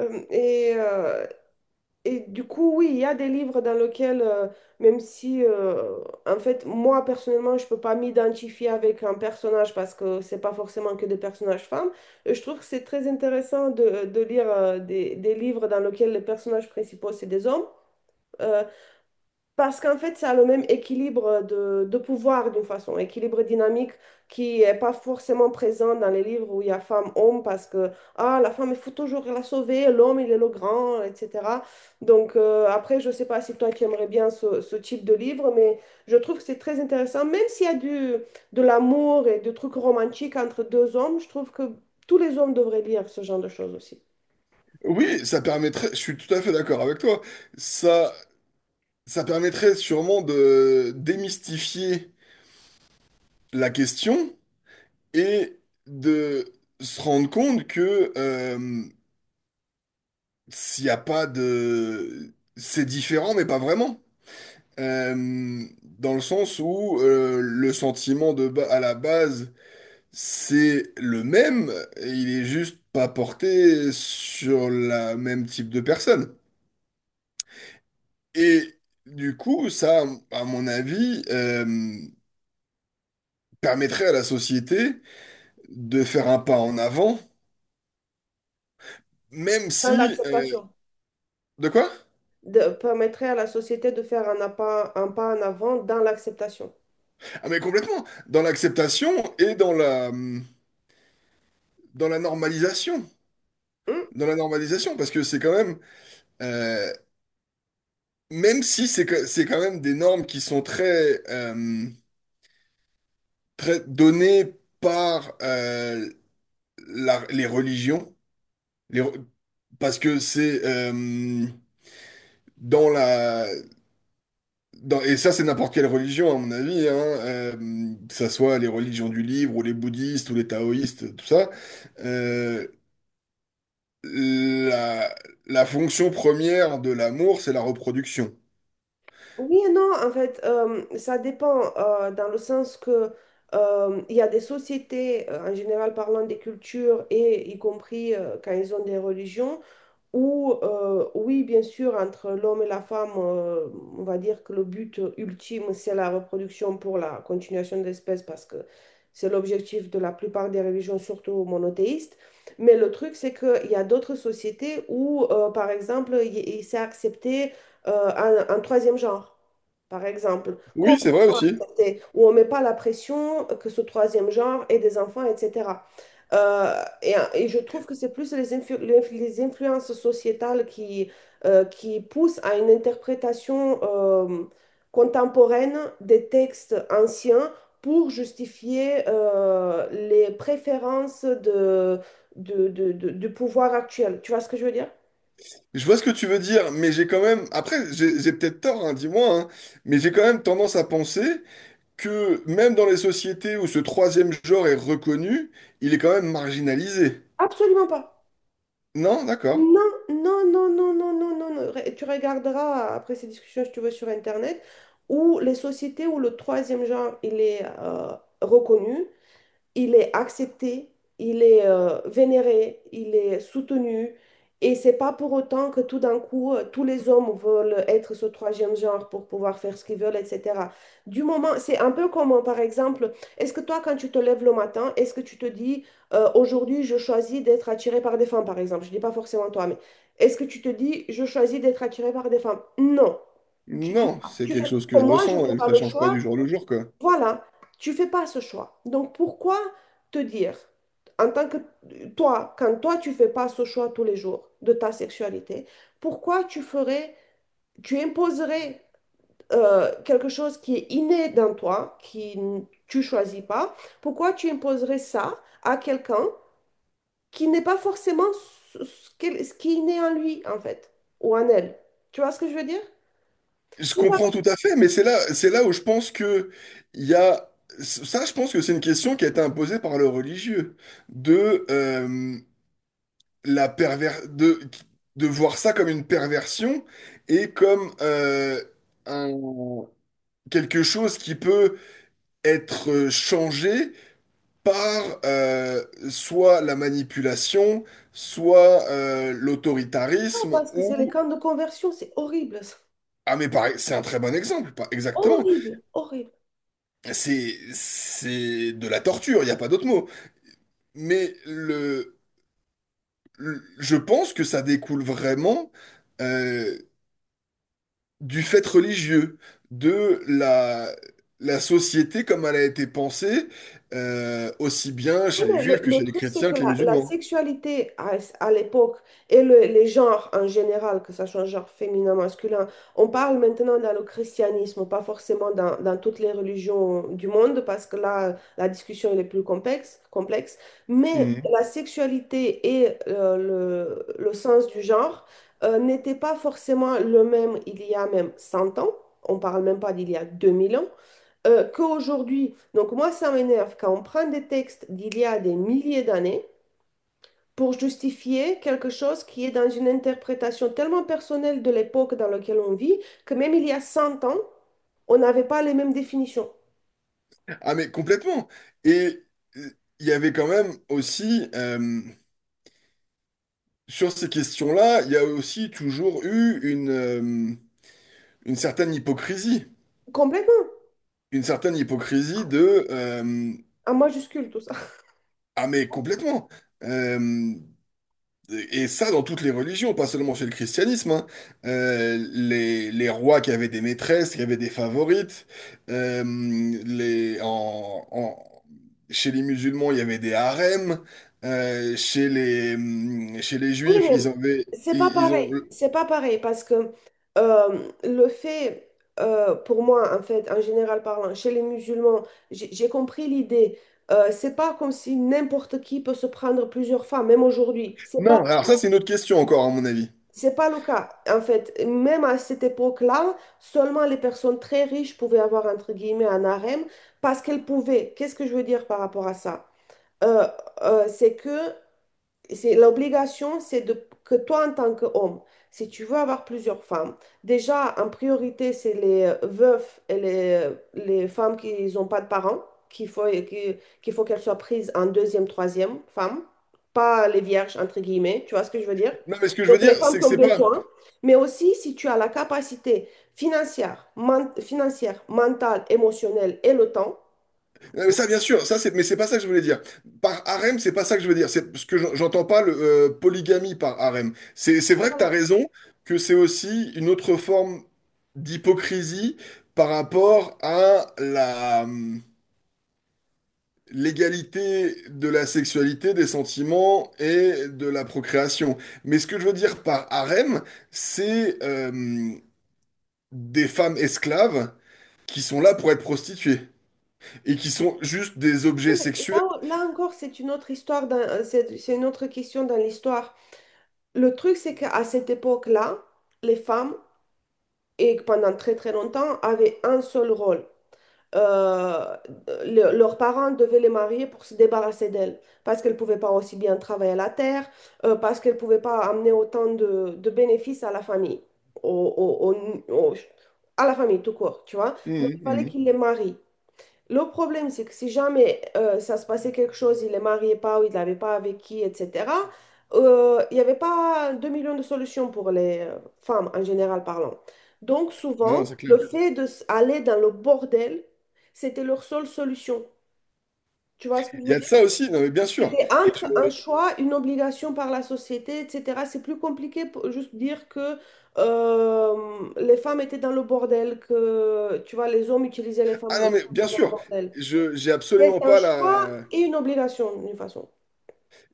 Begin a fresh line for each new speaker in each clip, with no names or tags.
Euh, et, euh, et du coup, oui, il y a des livres dans lesquels, même si, en fait, moi, personnellement, je peux pas m'identifier avec un personnage parce que c'est pas forcément que des personnages femmes, je trouve que c'est très intéressant de lire des livres dans lesquels les personnages principaux, c'est des hommes. Parce qu'en fait, ça a le même équilibre de pouvoir d'une façon, équilibre dynamique qui n'est pas forcément présent dans les livres où il y a femme-homme parce que ah, la femme, il faut toujours la sauver, l'homme, il est le grand, etc. Donc après, je ne sais pas si toi, tu aimerais bien ce type de livre, mais je trouve que c'est très intéressant, même s'il y a de l'amour et des trucs romantiques entre deux hommes, je trouve que tous les hommes devraient lire ce genre de choses aussi.
Oui, ça permettrait, je suis tout à fait d'accord avec toi, ça, ça permettrait sûrement de démystifier la question et de se rendre compte que s'il n'y a pas de... C'est différent, mais pas vraiment. Euh, Dans le sens où le sentiment de à la base, c'est le même, et il est juste pas porté sur la même type de personne. Et du coup, ça, à mon avis, permettrait à la société de faire un pas en avant, même
Dans
si... euh,
l'acceptation.
de quoi?
Permettrait à la société de faire un pas en avant dans l'acceptation.
Ah mais complètement, dans l'acceptation et dans la, dans la normalisation.
Hmm.
Dans la normalisation, parce que c'est quand même... euh, même si c'est c'est quand même des normes qui sont très données par les religions, les re- parce que c'est... dans la et ça, c'est n'importe quelle religion, à mon avis, hein, que ça soit les religions du livre, ou les bouddhistes, ou les taoïstes, tout ça. euh, la, la fonction première de l'amour, c'est la reproduction.
Oui et non, en fait, ça dépend, dans le sens que il y a des sociétés, en général parlant des cultures et y compris quand ils ont des religions. Ou, oui, bien sûr, entre l'homme et la femme, on va dire que le but ultime, c'est la reproduction pour la continuation de l'espèce, parce que c'est l'objectif de la plupart des religions, surtout monothéistes. Mais le truc, c'est qu'il y a d'autres sociétés où, par exemple, il s'est accepté un troisième genre, par exemple,
Oui, c'est vrai
complètement
aussi.
accepté, où on ne met pas la pression que ce troisième genre ait des enfants, etc. Et je trouve que c'est plus les influences sociétales qui poussent à une interprétation contemporaine des textes anciens pour justifier les préférences du pouvoir actuel. Tu vois ce que je veux dire?
Je vois ce que tu veux dire, mais j'ai quand même... Après, j'ai peut-être tort, hein, dis-moi, hein, mais j'ai quand même tendance à penser que même dans les sociétés où ce troisième genre est reconnu, il est quand même marginalisé.
Absolument pas.
Non, d'accord.
Non, non, non, non, non, non, non. Tu regarderas après ces discussions, si tu veux, sur Internet, où les sociétés où le troisième genre, il est reconnu, il est accepté, il est vénéré, il est soutenu. Et c'est pas pour autant que tout d'un coup, tous les hommes veulent être ce troisième genre pour pouvoir faire ce qu'ils veulent, etc. Du moment, c'est un peu comme, par exemple, est-ce que toi, quand tu te lèves le matin, est-ce que tu te dis, aujourd'hui, je choisis d'être attiré par des femmes, par exemple? Je dis pas forcément toi, mais est-ce que tu te dis, je choisis d'être attiré par des femmes? Non.
Non, c'est
Tu
quelque
fais,
chose que je
moi, je
ressens,
fais
et que
pas
ça
le
change pas
choix.
du jour au jour, quoi.
Voilà, tu fais pas ce choix. Donc pourquoi te dire, en tant que toi, quand toi tu fais pas ce choix tous les jours de ta sexualité, pourquoi tu imposerais quelque chose qui est inné dans toi, tu choisis pas, pourquoi tu imposerais ça à quelqu'un qui n'est pas forcément ce qui est inné en lui en fait, ou en elle. Tu vois ce que je veux dire?
Je
Si par
comprends tout à fait, mais c'est là où je pense que il y a ça, je pense que c'est une question qui a été imposée par le religieux de la perver de voir ça comme une perversion et comme un quelque chose qui peut être changé par soit la manipulation, soit
exemple,
l'autoritarisme
parce que c'est les
ou
camps de conversion, c'est horrible, ça.
ah mais pareil, c'est un très bon exemple, pas exactement.
Horrible, horrible.
C'est de la torture, il n'y a pas d'autre mot. Mais le, je pense que ça découle vraiment euh, du fait religieux, de la, la société comme elle a été pensée, aussi bien chez
Oui,
les
mais le,
juifs que
le
chez les
truc, c'est
chrétiens
que
que les
la
musulmans.
sexualité à l'époque et les genres en général, que ça soit un genre féminin, masculin, on parle maintenant dans le christianisme, pas forcément dans toutes les religions du monde, parce que là, la discussion elle est plus complexe, complexe. Mais
Mhm.
la sexualité et le sens du genre n'étaient pas forcément le même il y a même 100 ans, on parle même pas d'il y a 2 000 ans qu'aujourd'hui. Donc moi, ça m'énerve quand on prend des textes d'il y a des milliers d'années pour justifier quelque chose qui est dans une interprétation tellement personnelle de l'époque dans laquelle on vit, que même il y a 100 ans, on n'avait pas les mêmes définitions.
Ah mais complètement. Et euh, il y avait quand même aussi, sur ces questions-là, il y a aussi toujours eu une certaine hypocrisie.
Complètement,
Une certaine hypocrisie de
en majuscule tout ça.
Ah mais complètement. Euh, et ça dans toutes les religions pas seulement chez le christianisme hein. Les rois qui avaient des maîtresses qui avaient des favorites euh, les en, en- chez les musulmans il y avait des harems. Chez les
Oui,
juifs ils avaient
c'est pas
ils, ils ont
pareil. C'est pas pareil parce que le fait, pour moi, en fait, en général parlant, chez les musulmans, j'ai compris l'idée. C'est pas comme si n'importe qui peut se prendre plusieurs femmes, même aujourd'hui. C'est pas,
non alors ça c'est une autre question encore à mon avis
c'est pas le cas. En fait, même à cette époque-là, seulement les personnes très riches pouvaient avoir, entre guillemets, un harem parce qu'elles pouvaient. Qu'est-ce que je veux dire par rapport à ça? Euh, c'est que c'est l'obligation, c'est de que toi en tant qu'homme, si tu veux avoir plusieurs femmes, déjà en priorité c'est les veufs et les femmes qui n'ont pas de parents, qu'il faut qui- qu'il faut qu'elles soient prises en deuxième, troisième femme, pas les vierges entre guillemets, tu vois ce que je veux dire?
non mais ce que je
Donc
veux dire
les femmes
c'est
qui
que
ont
c'est pas
besoin, mais aussi si tu as la capacité financière, mentale, émotionnelle et le temps.
non, mais ça, bien sûr, ça, c'est, mais c'est pas ça que je voulais dire. Par harem, c'est pas ça que je veux dire. C'est parce que j'entends pas le polygamie par harem. C'est vrai que t'as
Voilà.
raison que c'est aussi une autre forme d'hypocrisie par rapport à la l'égalité de la sexualité, des sentiments et de la procréation. Mais ce que je veux dire par harem, c'est des femmes esclaves qui sont là pour être prostituées et qui sont juste des objets sexuels.
Là encore, c'est une autre histoire, c'est une autre question dans l'histoire. Le truc, c'est qu'à cette époque-là, les femmes, et pendant très très longtemps, avaient un seul rôle. Euh, Leurs parents devaient les marier pour se débarrasser d'elles, parce qu'elles ne pouvaient pas aussi bien travailler à la terre, parce qu'elles ne pouvaient pas amener autant de bénéfices à la famille, au- au- au- au- à la famille tout court, tu vois. Donc,
Mhm,
il fallait
mhm.
qu'ils les marient. Le problème, c'est que si jamais ça se passait quelque chose, il est marié pas ou il n'avait pas avec qui, etc., il n'y avait pas 2 millions de solutions pour les femmes en général parlant. Donc
Non,
souvent,
non, c'est
le
clair.
fait d'aller dans le bordel, c'était leur seule solution. Tu vois ce que je
Il y
veux
a de
dire?
ça aussi, non mais bien sûr.
C'était
Et je...
entre un choix, une obligation par la société, etc. C'est plus compliqué pour juste dire que les femmes étaient dans le bordel, que tu vois, les hommes utilisaient les
Ah
femmes
non mais bien
dans le
sûr,
bordel.
je j'ai
C'est
absolument
un
pas
choix
la
et une obligation, d'une façon.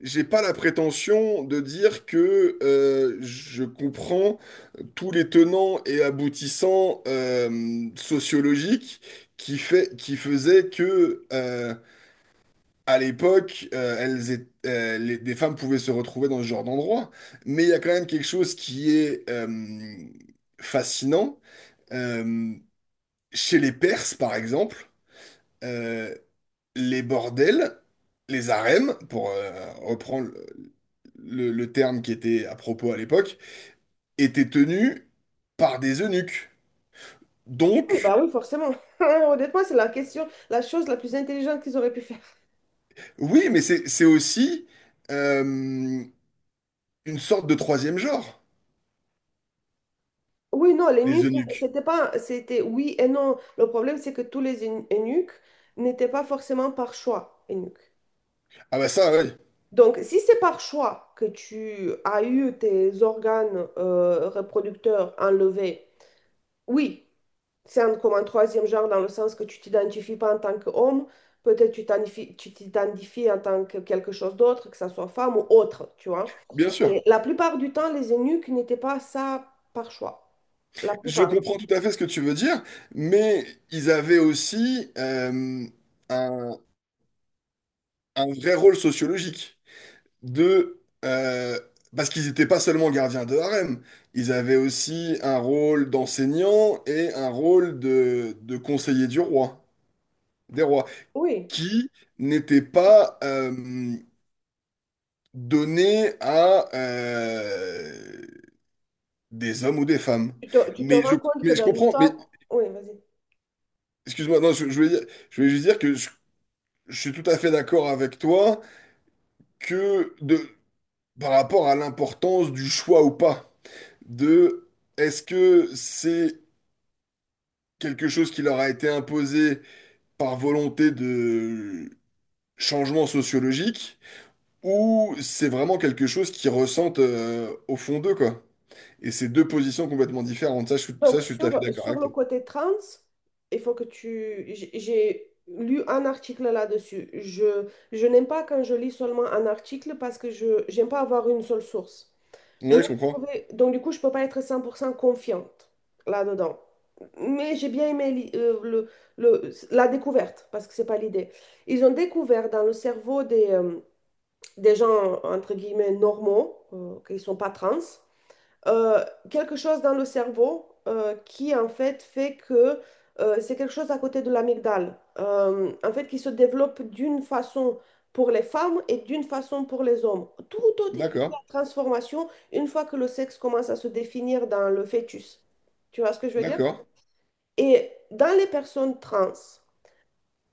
j'ai pas la prétention de dire que je comprends tous les tenants et aboutissants sociologiques qui fait qui faisaient que à l'époque, des femmes pouvaient se retrouver dans ce genre d'endroit. Mais il y a quand même quelque chose qui est fascinant. Euh, Chez les Perses, par exemple, euh, les bordels, les harems, pour reprendre le terme qui était à propos à l'époque, étaient tenus par des eunuques.
Oui,
Donc,
bah oui, forcément. Honnêtement, c'est la question, la chose la plus intelligente qu'ils auraient pu faire.
oui, mais c'est aussi euh, une sorte de troisième genre,
Oui, non, les
les
nuques,
eunuques.
c'était oui et non. Le problème, c'est que tous les eunuques n'étaient pas forcément par choix eunuques.
Ah bah ça, oui,
Donc, si c'est par choix que tu as eu tes organes reproducteurs enlevés. Oui, comme un troisième genre dans le sens que tu t'identifies pas en tant qu'homme, peut-être tu t'identifies en tant que quelque chose d'autre, que ça soit femme ou autre, tu vois.
bien sûr.
Et la plupart du temps, les eunuques n'étaient pas ça par choix. La
Je
plupart.
comprends tout à fait ce que tu veux dire, mais ils avaient aussi un un vrai rôle sociologique. De, euh, parce qu'ils n'étaient pas seulement gardiens de harem, ils avaient aussi un rôle d'enseignant et un rôle de conseiller du roi, des rois,
Oui.
qui n'était pas donné à des hommes ou des femmes.
Tu te
Mais je,
rends compte que
mais je
dans
comprends, mais
l'histoire. Oui, vas-y.
excuse-moi, non, je voulais dire, je voulais juste dire que je suis tout à fait d'accord avec toi que de par rapport à l'importance du choix ou pas, de est-ce que c'est quelque chose qui leur a été imposé par volonté de changement sociologique, ou c'est vraiment quelque chose qu'ils ressentent au fond d'eux, quoi. Et c'est deux positions complètement différentes. Ça,
Donc,
je suis tout à fait
sur,
d'accord
sur
avec
le
toi.
côté trans, il faut que tu. J'ai lu un article là-dessus. Je n'aime pas quand je lis seulement un article parce que je j'aime pas avoir une seule source. Mais
Ouais, je comprends.
donc du coup, je peux pas être 100% confiante là-dedans. Mais j'ai bien aimé la découverte, parce que c'est pas l'idée. Ils ont découvert dans le cerveau des gens, entre guillemets, normaux, qui sont pas trans, euh, quelque chose dans le cerveau qui en fait fait que c'est quelque chose à côté de l'amygdale, en fait qui se développe d'une façon pour les femmes et d'une façon pour les hommes. Tout au début de la
D'accord,
transformation, une fois que le sexe commence à se définir dans le fœtus. Tu vois ce que je veux dire?
d'accord.
Et dans les personnes trans,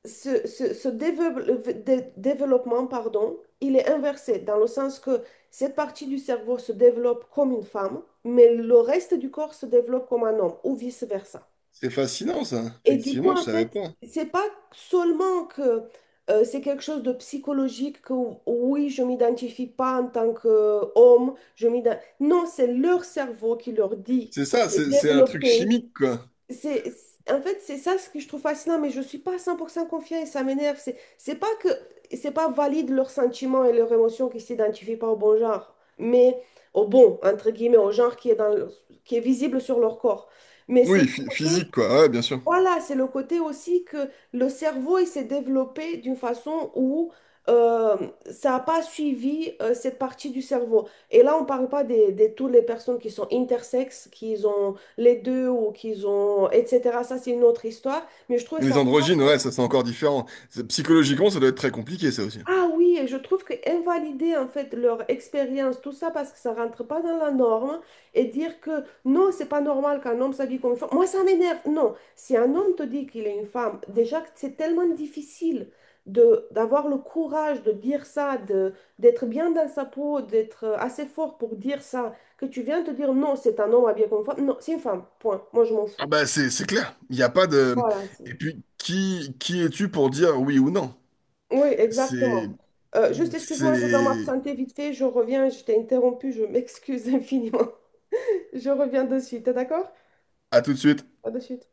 ce développement, pardon, il est inversé dans le sens que cette partie du cerveau se développe comme une femme, mais le reste du corps se développe comme un homme ou vice-versa.
C'est fascinant, ça.
Et du coup,
Effectivement, je
en
savais
fait,
pas.
c'est pas seulement que c'est quelque chose de psychologique que oui, je m'identifie pas en tant qu'homme, je m'identifie... Non, c'est leur cerveau qui leur dit
C'est ça,
de
c'est un truc
développer.
chimique, quoi.
En fait, c'est ça ce que je trouve fascinant, mais je suis pas à 100% confiant et ça m'énerve. C'est pas valide leurs sentiments et leurs émotions qui s'identifient pas au bon genre, mais au bon, entre guillemets, au genre qui est qui est visible sur leur corps. Mais c'est le
Oui, physique,
côté
quoi. Ouais, bien sûr.
voilà, c'est le côté aussi que le cerveau il s'est développé d'une façon où euh, ça n'a pas suivi cette partie du cerveau. Et là, on ne parle pas des toutes les personnes qui sont intersexes, qui ont les deux ou qui ont, etc. Ça, c'est une autre histoire. Mais je trouve
Les
ça.
androgynes, ouais, ça c'est encore différent. C'est- Psychologiquement, ça doit être très compliqué, ça aussi.
Ah oui, et je trouve que invalider en fait leur expérience, tout ça parce que ça rentre pas dans la norme et dire que non, c'est pas normal qu'un homme s'habille comme une femme. Moi, ça m'énerve. Non, si un homme te dit qu'il est une femme, déjà que c'est tellement difficile de d'avoir le courage de dire ça, de d'être bien dans sa peau, d'être assez fort pour dire ça, que tu viens te dire non, c'est un homme habillé comme une femme. Non, c'est une femme. Point. Moi, je m'en
Ah
fous.
bah c'est clair, il n'y a pas de...
Voilà.
Et puis, qui es-tu pour dire oui ou non?
Oui,
C'est...
exactement. Juste, excuse-moi, je dois
C'est...
m'absenter vite fait. Je reviens, je t'ai interrompu, je m'excuse infiniment. Je reviens de suite, t'es d'accord?
À tout de suite.
À de suite.